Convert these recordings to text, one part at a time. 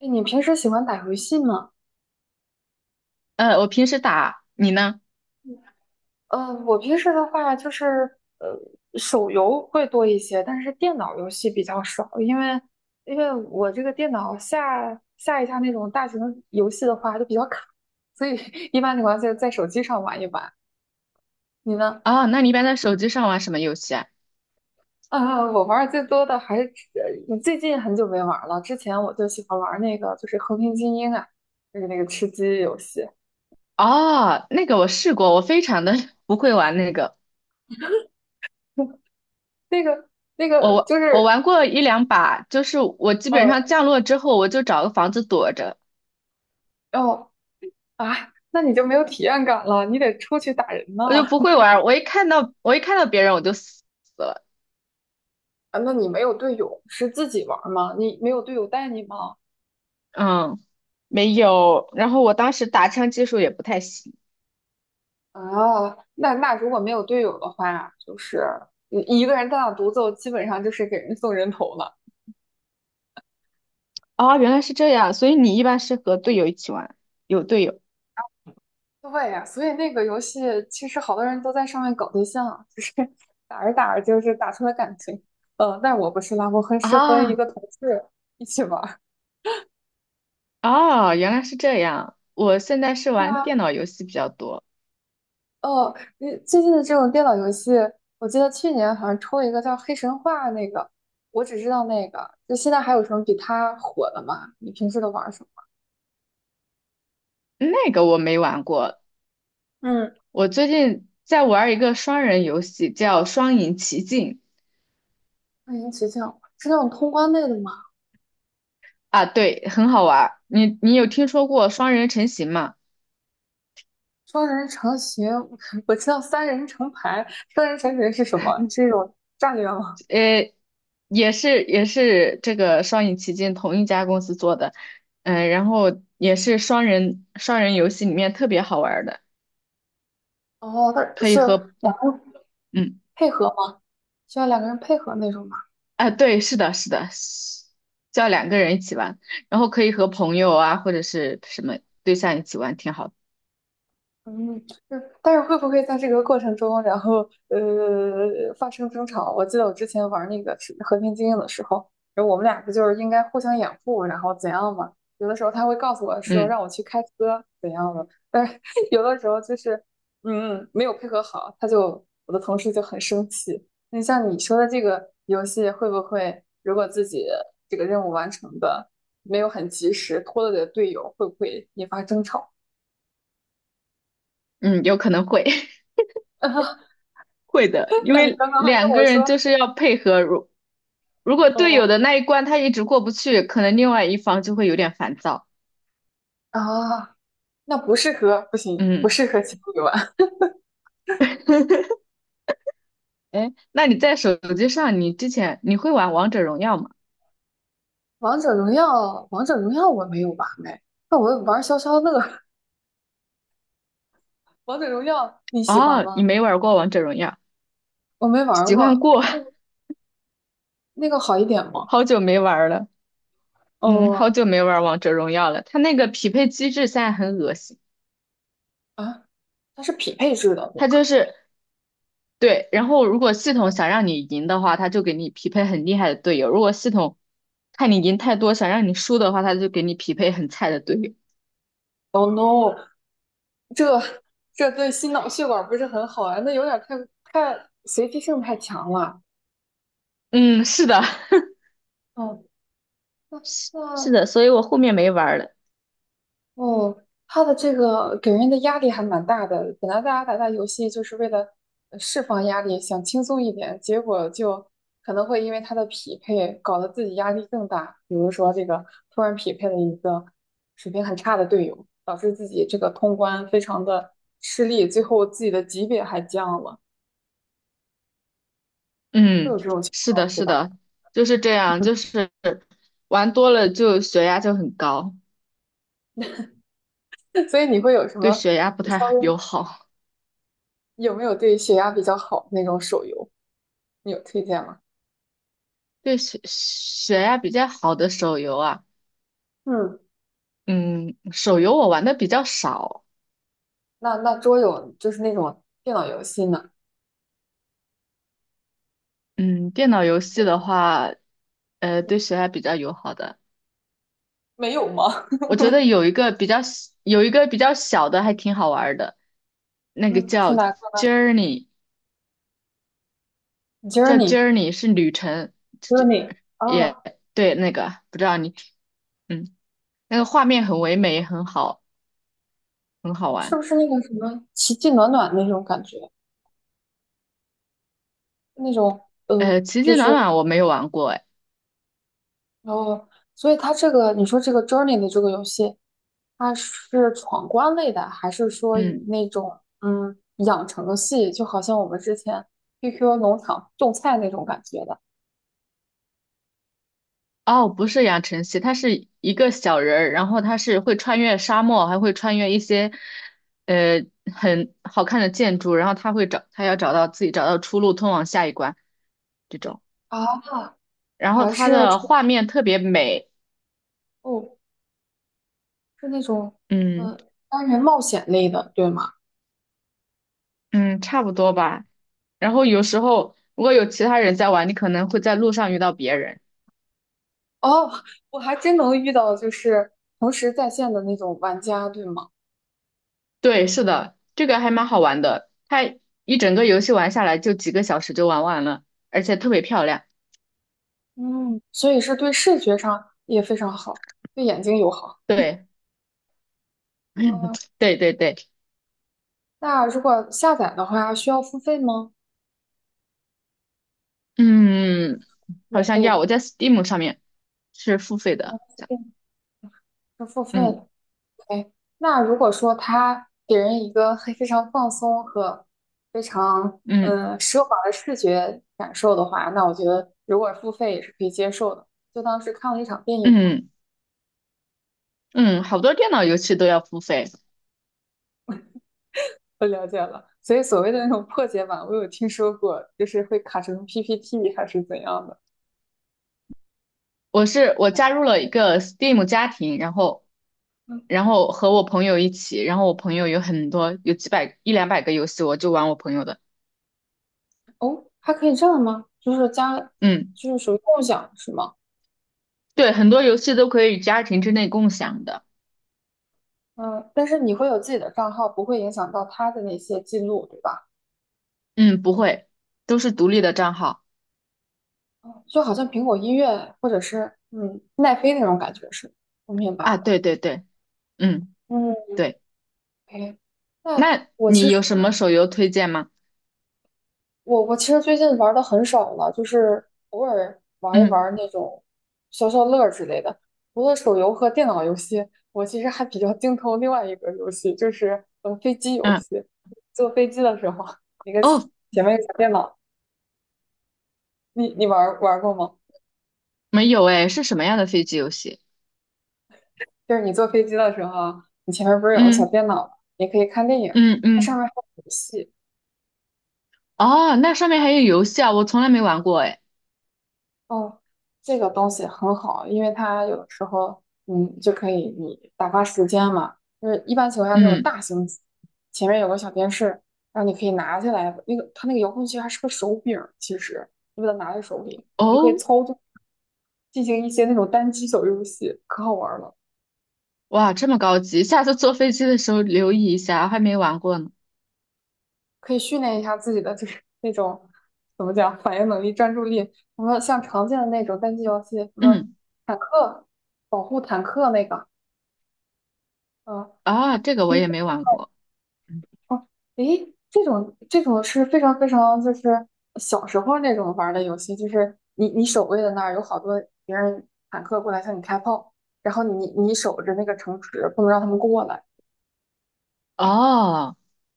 哎，你平时喜欢打游戏吗？我平时打，你呢？我平时的话就是呃，手游会多一些，但是电脑游戏比较少，因为我这个电脑下一下那种大型游戏的话就比较卡，所以 一般情况下在手机上玩一玩。你呢？哦，那你一般在手机上玩什么游戏啊？呃，我玩的最多的还是最近很久没玩了，之前我就喜欢玩那个就是《和平精英》啊，就是那个吃鸡游戏，哦，那个我试过，我非常的 不会玩那个。那个那我个玩就我是玩过一两把，就是我基本上呃。降落之后，我就找个房子躲着。啊，那你就没有体验感了，你得出去打人呐。我就不会玩。我一看到别人我就死了。啊，那你没有队友，是自己玩儿吗？你没有队友带你吗？嗯，没有。然后我当时打枪技术也不太行。啊，那如果没有队友的话，就是你一个人单打独斗，基本上就是给人送人头了。哦，原来是这样，所以你一般是和队友一起玩，有队友。对呀，所以那个游戏其实好多人都在上面搞对象啊，就是 打着打着就是打出了感情。嗯，但我不是啦，我很适合一啊，个同事一起玩儿。哦，原来是这样。我现在是对玩啊。电脑游戏比较多。哦，你最近的这种电脑游戏，我记得去年好像出了一个叫《黑神话》那个，我只知道那个。就现在还有什么比它火的吗？你平时都玩什么？那个我没玩过。嗯，我最近在玩一个双人游戏，叫《双影奇境》。欢迎琪琪，是那种通关类的吗？啊，对，很好玩儿，你有听说过双人成行吗？双人成行，我知道三人成排，双人成行是什么？是一种战略吗？呃，也是这个《双影奇境》同一家公司做的。嗯，然后也是双人游戏里面特别好玩儿的，哦，它可以是和两个人嗯配合吗？需要两个人配合那种吗？啊，对，是的，是的，是叫两个人一起玩，然后可以和朋友啊或者是什么对象一起玩，挺好的。嗯，嗯但是会不会在这个过程中，然后发生争吵？我记得我之前玩那个是和平精英》的时候，然后我们俩不就是应该互相掩护，然后怎样嘛？有的时候他会告诉我说嗯让我去开车怎样的，但是 有的时候就是没有配合好，他就我的同事就很生气。那像你说的这个游戏，会不会如果自己这个任务完成的没有很及时，拖累了队友，会不会引发争吵？嗯，有可能会。会的，因那你为刚刚还跟两个我人说，就是要配合。如果队友哦。的那一关他一直过不去，可能另外一方就会有点烦躁。啊，那不适合，不行，不嗯，适合情侣玩。哎，那你在手机上，你之前你会玩王者荣耀吗？王者荣耀，王者荣耀我没有玩哎，那我玩消消乐。王者荣耀你喜欢哦，你吗？没玩过王者荣耀，我没玩喜欢过，过。那个那个好一点 吗？好久没玩了。嗯，好哦。久没玩王者荣耀了。它那个匹配机制现在很恶心。啊，它是匹配制的，对它吧就是对，然后如果系统想让你赢的话，它就给你匹配很厉害的队友；如果系统看你赢太多，想让你输的话，它就给你匹配很菜的队友。？Oh no，这这对心脑血管不是很好啊，那有点太随机性太强了。嗯，是的。哦，是是那的，所以我后面没玩儿了。哦，他的这个给人的压力还蛮大的。本来大家打打游戏就是为了释放压力，想轻松一点，结果就可能会因为他的匹配搞得自己压力更大。比如说这个突然匹配了一个水平很差的队友，导致自己这个通关非常的吃力，最后自己的级别还降了，会嗯，有这种情是的，况，对是吧？的，就是这样，就是玩多了就血压就很高，所以你会有什对么血压不稍太友微好。有没有对血压比较好那种手游，你有推荐吗？对血血压比较好的手游啊，嗯。嗯，手游我玩的比较少。那那桌游就是那种电脑游戏呢？嗯，电脑游戏的话，对谁还比较友好的？没有吗？我觉得有一个比较小的还挺好玩儿的，那个嗯，是叫 哪个 Journey，叫 ？Journey。 Journey 是旅程。这就 Journey 也啊，对那个不知道你嗯，那个画面很唯美，很好，很好是玩。不是那个什么奇迹暖暖那种感觉？那种奇就迹暖是暖我没有玩过哎。哦，所以它这个你说这个 Journey 的这个游戏，它是闯关类的，还是说以嗯。那种养成系，就好像我们之前 QQ 农场种菜那种感觉的哦，不是养成系，它是一个小人儿，然后他是会穿越沙漠，还会穿越一些，呃，很好看的建筑，然后他会找，他要找到自己找到出路，通往下一关这种。啊？那然后还它是这的画面特别美。哦，是那种嗯单人冒险类的，对吗？嗯，差不多吧。然后有时候如果有其他人在玩，你可能会在路上遇到别人。哦，我还真能遇到就是同时在线的那种玩家，对吗？对，是的，这个还蛮好玩的。它一整个游戏玩下来就几个小时就玩完了，而且特别漂亮。嗯，所以是对视觉上也非常好，对眼睛友好。对嗯，对对对。那如果下载的话，需要付费吗？嗯，好免像费要，我的，在 Steam 上面是付费的。对是付费嗯的。哎，那如果说他给人一个很非常放松和非常嗯奢华的视觉感受的话，那我觉得如果付费也是可以接受的，就当是看了一场电影嘛。嗯嗯，好多电脑游戏都要付费。我了解了，所以所谓的那种破解版，我有听说过，就是会卡成 PPT 还是怎样的。我哦。加入了一个 Steam 家庭，然后嗯，然后和我朋友一起，然后我朋友有很多有几百一两百个游戏，我就玩我朋友的。哦，还可以这样吗？就是加，嗯，就是属于共享是吗？对，很多游戏都可以家庭之内共享的。嗯，但是你会有自己的账号，不会影响到他的那些记录，对吧？嗯，不会，都是独立的账号就好像苹果音乐或者是奈飞那种感觉是，我明白啊。了。对对对，嗯嗯对。，OK，那那我其你实有什么手游推荐吗？我其实最近玩的很少了，就是偶尔玩一嗯玩那种消消乐之类的。除了手游和电脑游戏，我其实还比较精通另外一个游戏，就是飞机游嗯。戏。坐飞机的时候，那个哦，前面有个小电脑，你玩过吗？没有哎，是什么样的飞机游戏？就是你坐飞机的时候，你前面不是有个小嗯电脑吗，也可以看电影，嗯它上嗯，面还有游戏。哦，那上面还有游戏啊，我从来没玩过哎。哦，这个东西很好，因为它有的时候，嗯，就可以你打发时间嘛。就是一般情况下那种嗯，大型，前面有个小电视，然后你可以拿下来，那个它那个遥控器还是个手柄儿其实你把它拿在手里，你就可以哦，操作，进行一些那种单机小游戏，可好玩儿了。哇，这么高级，下次坐飞机的时候留意一下，还没玩过呢。可以训练一下自己的就是 那种怎么讲反应能力、专注力。什么像常见的那种单机游戏，什么嗯，坦克保护坦克那个，呃，啊，这个我推也没玩过。嗯哦，诶，这种是非常非常就是小时候那种玩儿的游戏，就是你守卫的那儿有好多别人坦克过来向你开炮，然后你守着那个城池，不能让他们过来。哦，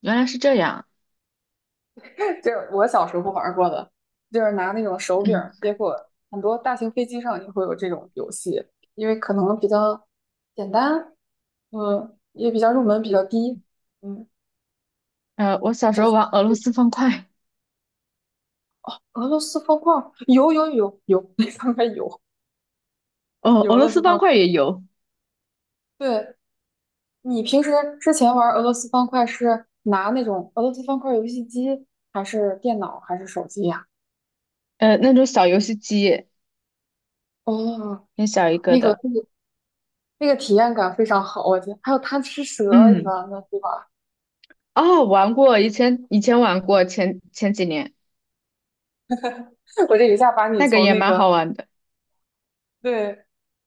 原来是这样。就是我小时候玩过的，就是拿那种手柄嗯，结果很多大型飞机上也会有这种游戏，因为可能比较简单，嗯，也比较入门比较低，嗯，我你小时这候次玩俄罗试斯试方块，俄罗斯方块儿有，那方块有哦，有俄俄罗罗斯斯方方块，块也有，对，你平时之前玩俄罗斯方块是拿那种俄罗斯方块游戏机，还是电脑，还是手机呀？那种小游戏机，哦，很小一个那个的。那个那个体验感非常好，我觉得还有贪吃蛇一嗯，般的，对吧？哦，玩过，以前玩过，前几年 我这一下把你那个从也那蛮个，好玩的。对，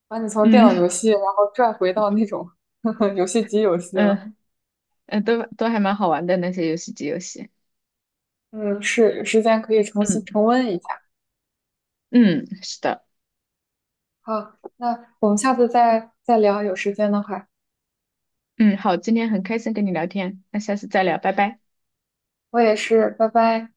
把你从电脑嗯。游戏，然后拽回到那种 游戏机游戏了。嗯，嗯，都还蛮好玩的那些游戏机游戏。嗯，是，有时间可以重新嗯重温一下。嗯，是的，好，那我们下次再再聊，有时间的话，嗯，好，今天很开心跟你聊天，那下次再聊，拜拜。我也是，拜拜。